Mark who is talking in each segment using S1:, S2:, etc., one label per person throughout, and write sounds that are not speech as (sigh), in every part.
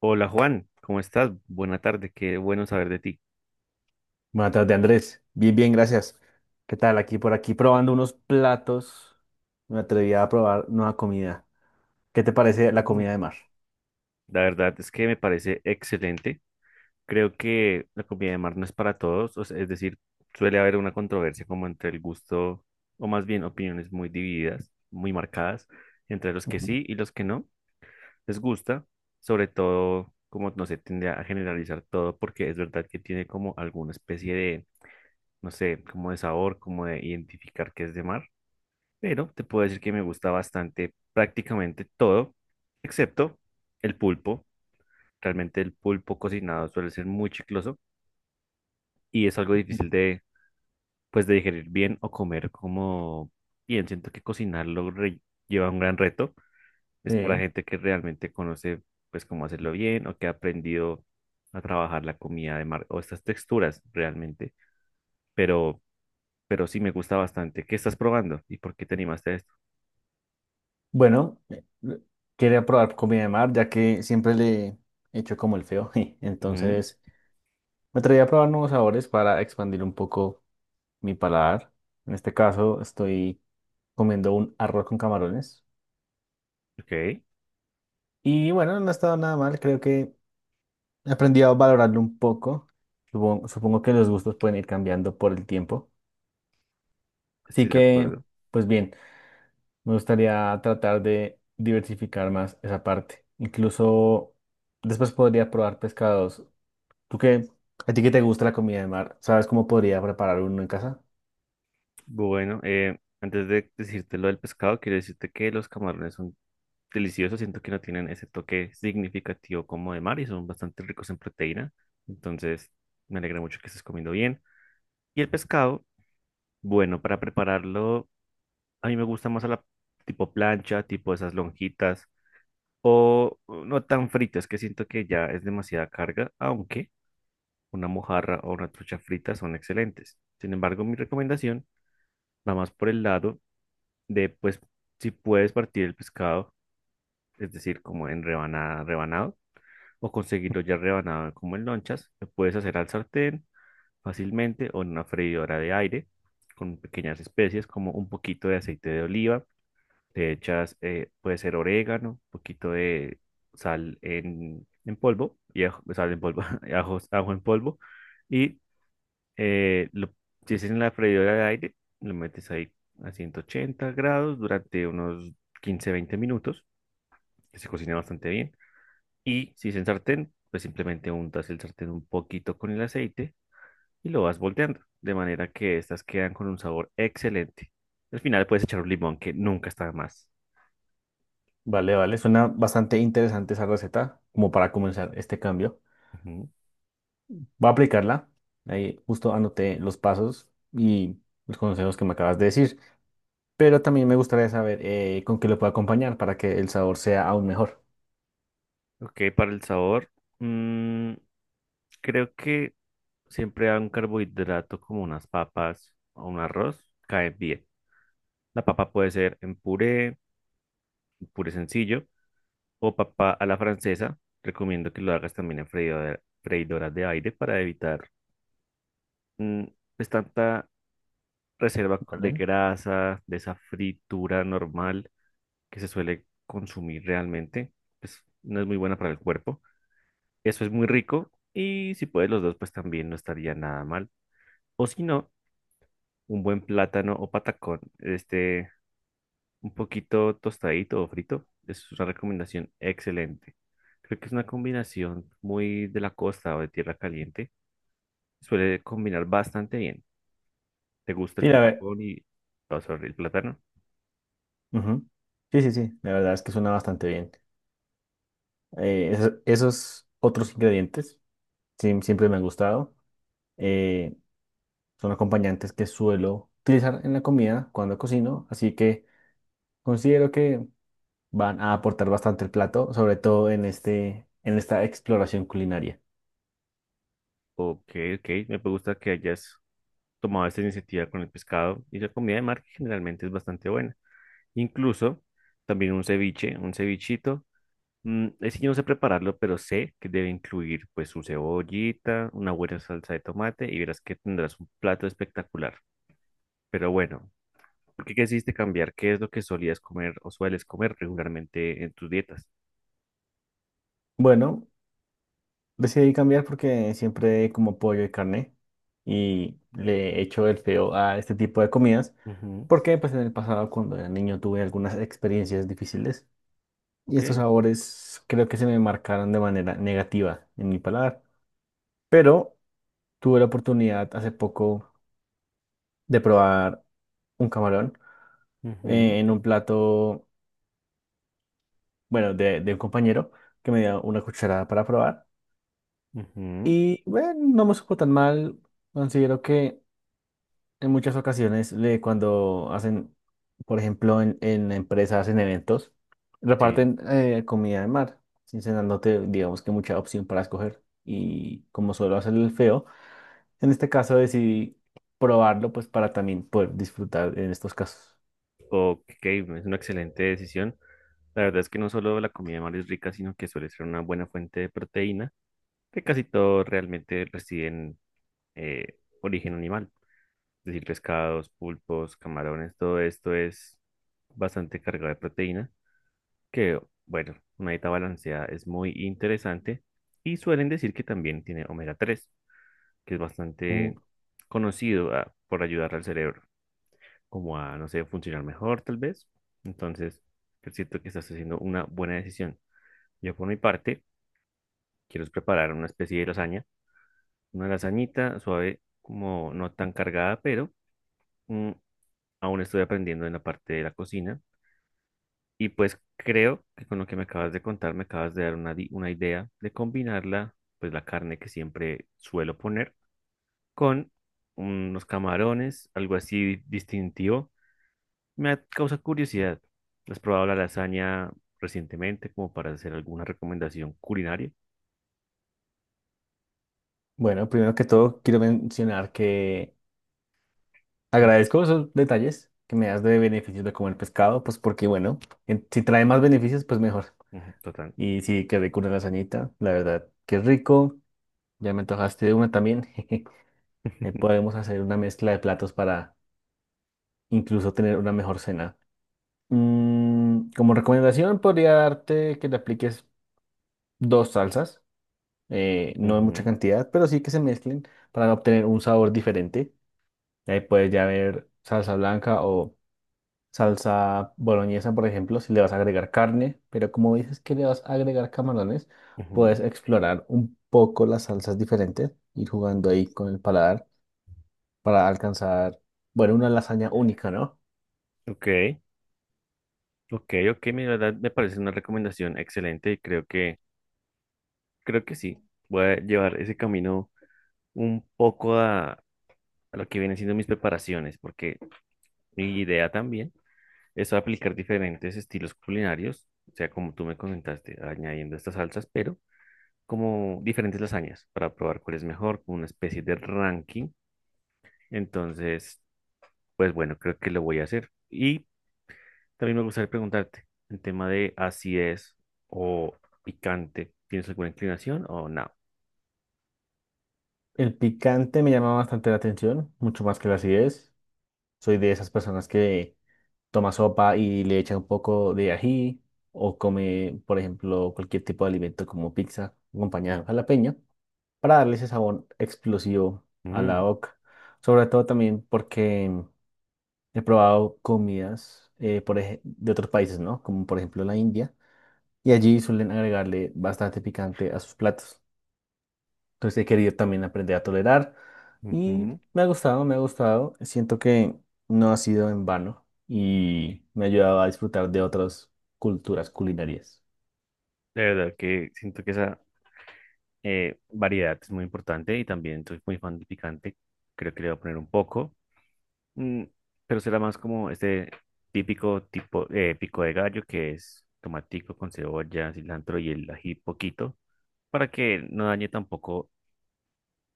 S1: Hola Juan, ¿cómo estás? Buena tarde, qué bueno saber de ti.
S2: Buenas tardes, Andrés. Bien, gracias. ¿Qué tal? Aquí por aquí probando unos platos. Me atreví a probar nueva comida. ¿Qué te parece la comida de
S1: Mm,
S2: mar?
S1: la verdad es que me parece excelente. Creo que la comida de mar no es para todos, o sea, es decir, suele haber una controversia como entre el gusto, o más bien opiniones muy divididas, muy marcadas, entre los que
S2: Ujú.
S1: sí y los que no les gusta, sobre todo como no se tiende a generalizar todo porque es verdad que tiene como alguna especie de, no sé, como de sabor, como de identificar que es de mar, pero te puedo decir que me gusta bastante prácticamente todo, excepto el pulpo. Realmente el pulpo cocinado suele ser muy chicloso y es algo difícil de, pues, de digerir bien o comer como bien. Siento que cocinarlo lleva un gran reto. Es para
S2: Sí.
S1: gente que realmente conoce, pues, cómo hacerlo bien o que ha aprendido a trabajar la comida de mar o estas texturas realmente. Pero, pero sí me gusta bastante. ¿Qué estás probando y por qué te animaste a esto?
S2: Bueno, quería probar comida de mar, ya que siempre le he hecho como el feo. (laughs)
S1: Ujú,
S2: Entonces, me atreví a probar nuevos sabores para expandir un poco mi paladar. En este caso, estoy comiendo un arroz con camarones.
S1: ok,
S2: Y bueno, no ha estado nada mal, creo que aprendí a valorarlo un poco. Supongo que los gustos pueden ir cambiando por el tiempo. Así
S1: estoy de
S2: que,
S1: acuerdo.
S2: pues bien, me gustaría tratar de diversificar más esa parte. Incluso después podría probar pescados. ¿Tú qué? ¿A ti qué te gusta la comida de mar? ¿Sabes cómo podría preparar uno en casa?
S1: Bueno, antes de decirte lo del pescado, quiero decirte que los camarones son deliciosos. Siento que no tienen ese toque significativo como de mar y son bastante ricos en proteína. Entonces, me alegra mucho que estés comiendo bien. Y el pescado, bueno, para prepararlo, a mí me gusta más a la tipo plancha, tipo esas lonjitas o no tan fritas, que siento que ya es demasiada carga, aunque una mojarra o una trucha frita son excelentes. Sin embargo, mi recomendación va más por el lado. De pues si puedes partir el pescado, es decir, como en rebanada, rebanado, o conseguirlo ya rebanado como en lonchas, lo puedes hacer al sartén fácilmente o en una freidora de aire con pequeñas especies como un poquito de aceite de oliva, le echas, puede ser orégano, un poquito de sal en polvo, y sal en polvo, (laughs) ajo en polvo, y eh, lo- si es en la freidora de aire, lo metes ahí a 180 grados durante unos 15 a 20 minutos, que se cocina bastante bien. Y si es en sartén, pues simplemente untas el sartén un poquito con el aceite y lo vas volteando, de manera que estas quedan con un sabor excelente. Al final puedes echar un limón, que nunca está de más.
S2: Vale, vale, suena bastante interesante esa receta, como para comenzar este cambio.
S1: Ujú.
S2: Voy a aplicarla. Ahí justo anoté los pasos y los consejos que me acabas de decir, pero también me gustaría saber, con qué lo puedo acompañar para que el sabor sea aún mejor,
S1: Ok, para el sabor, mm, creo que siempre a un carbohidrato como unas papas o un arroz cae bien. La papa puede ser en puré, puré sencillo o papa a la francesa. Recomiendo que lo hagas también en freidoras de aire para evitar mm, pues tanta reserva de
S2: ¿vale?
S1: grasa, de esa fritura normal que se suele consumir realmente. Pues no es muy buena para el cuerpo. Eso es muy rico y si puedes los dos pues también no estaría nada mal. O si no, un buen plátano o patacón. Este un poquito tostadito o frito. Es una recomendación excelente. Creo que es una combinación muy de la costa o de tierra caliente. Suele combinar bastante bien. ¿Te gusta el
S2: Sí, la ver.
S1: patacón y, oh, sorry, el plátano?
S2: Ujú. Sí, sí, sí, la verdad es que suena bastante bien. Esos otros ingredientes sí, siempre me han gustado. eh, Son acompañantes que suelo utilizar en la comida cuando cocino, así que considero que van a aportar bastante el plato, sobre todo en esta exploración culinaria.
S1: Ok, ok. Me gusta que hayas tomado esta iniciativa con el pescado y la comida de mar que generalmente es bastante buena. Incluso también un ceviche, un cevichito. Mm, es que yo no sé prepararlo, pero sé que debe incluir pues su cebollita, una buena salsa de tomate y verás que tendrás un plato espectacular. Pero bueno, ¿por qué quisiste cambiar? ¿Qué es lo que solías comer o sueles comer regularmente en tus dietas?
S2: Bueno, decidí cambiar porque siempre como pollo y carne y le echo el feo a este tipo de comidas,
S1: Ujú,
S2: porque pues en el pasado cuando era niño tuve algunas experiencias difíciles y
S1: ok,
S2: estos sabores creo que se me marcaron de manera negativa en mi paladar. Pero tuve la oportunidad hace poco de probar un camarón,
S1: ujú,
S2: en un plato, bueno, de un compañero que me dio una cucharada para probar
S1: ujú,
S2: y bueno, no me supo tan mal. Considero que en muchas ocasiones cuando hacen, por ejemplo, en empresas, hacen eventos,
S1: sí.
S2: reparten comida de mar, sin dándote, digamos, que mucha opción para escoger. Y como suelo hacer el feo, en este caso decidí probarlo pues para también poder disfrutar en estos casos.
S1: Ok, es una excelente decisión. La verdad es que no solo la comida de mar es rica, sino que suele ser una buena fuente de proteína, que casi todo realmente reside en origen animal. Es decir, pescados, pulpos, camarones, todo esto es bastante cargado de proteína, que, bueno, una dieta balanceada es muy interesante y suelen decir que también tiene omega-3, que es
S2: Mm.
S1: bastante conocido, ah, por ayudar al cerebro, como a, no sé, funcionar mejor tal vez. Entonces, es cierto que estás haciendo una buena decisión. Yo por mi parte, quiero es preparar una especie de lasaña, una lasañita suave, como no tan cargada, pero mm, aún estoy aprendiendo en la parte de la cocina. Y pues creo que con lo que me acabas de contar, me acabas de dar una idea de combinarla, pues la carne que siempre suelo poner con unos camarones, algo así distintivo. Causa curiosidad. ¿Has probado la lasaña recientemente como para hacer alguna recomendación culinaria?
S2: Bueno, primero que todo quiero mencionar que
S1: Mm,
S2: agradezco esos detalles que me das de beneficios de comer pescado, pues porque bueno, si trae más beneficios, pues mejor.
S1: ujú, total.
S2: Y sí, quedé rico una lasañita, la verdad, qué rico. Ya me antojaste de una también. (laughs) Ahí
S1: (laughs)
S2: podemos hacer una mezcla de platos para incluso tener una mejor cena. Mm, como recomendación, podría darte que le apliques dos salsas, no en mucha
S1: Ujú,
S2: cantidad, pero sí que se mezclen para obtener un sabor diferente. Ahí puedes ya ver salsa blanca o salsa boloñesa, por ejemplo, si le vas a agregar carne, pero como dices que le vas a agregar camarones,
S1: ujú.
S2: puedes explorar un poco las salsas diferentes, ir jugando ahí con el paladar para alcanzar, bueno, una lasaña única, ¿no?
S1: Ok, ok, la verdad me parece una recomendación excelente y creo que sí, voy a llevar ese camino un poco a lo que vienen siendo mis preparaciones, porque mi idea también es aplicar diferentes estilos culinarios, o sea, como tú me comentaste, añadiendo estas salsas, pero como diferentes lasañas para probar cuál es mejor, como una especie de ranking. Entonces, pues bueno, creo que lo voy a hacer. Y también me gustaría preguntarte, el tema de acidez o picante, ¿tienes alguna inclinación o no?
S2: El picante me llama bastante la atención, mucho más que la acidez. Soy de esas personas que toma sopa y le echa un poco de ají o come, por ejemplo, cualquier tipo de alimento como pizza acompañada de jalapeño para darle ese sabor explosivo a la
S1: Mm,
S2: boca. Sobre todo también porque he probado comidas, de otros países, ¿no? Como por ejemplo la India, y allí suelen agregarle bastante picante a sus platos. Entonces he querido también aprender a tolerar y
S1: ujú.
S2: me ha gustado. Siento que no ha sido en vano y me ha ayudado a disfrutar de otras culturas culinarias.
S1: De verdad que siento que esa, variedad es muy importante y también soy muy fan del picante. Creo que le voy a poner un poco, mm, pero será más como este típico tipo pico de gallo, que es tomatico con cebolla, cilantro y el ají poquito, para que no dañe tampoco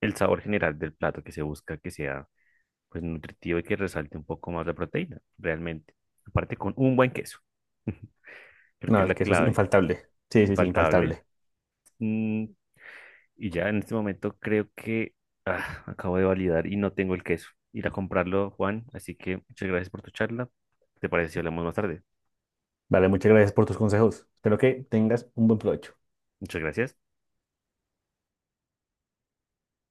S1: el sabor general del plato, que se busca que sea pues nutritivo y que resalte un poco más la proteína realmente. Aparte con un buen queso, (laughs) creo que
S2: No,
S1: es
S2: el
S1: la
S2: queso es
S1: clave
S2: infaltable. Sí, sí, sí,
S1: infaltable.
S2: infaltable.
S1: Mm, y ya en este momento creo que, ah, acabo de validar y no tengo el queso. Ir a comprarlo, Juan. Así que muchas gracias por tu charla. ¿Te parece si hablamos más tarde?
S2: Vale, muchas gracias por tus consejos. Espero que tengas un buen provecho.
S1: Muchas gracias.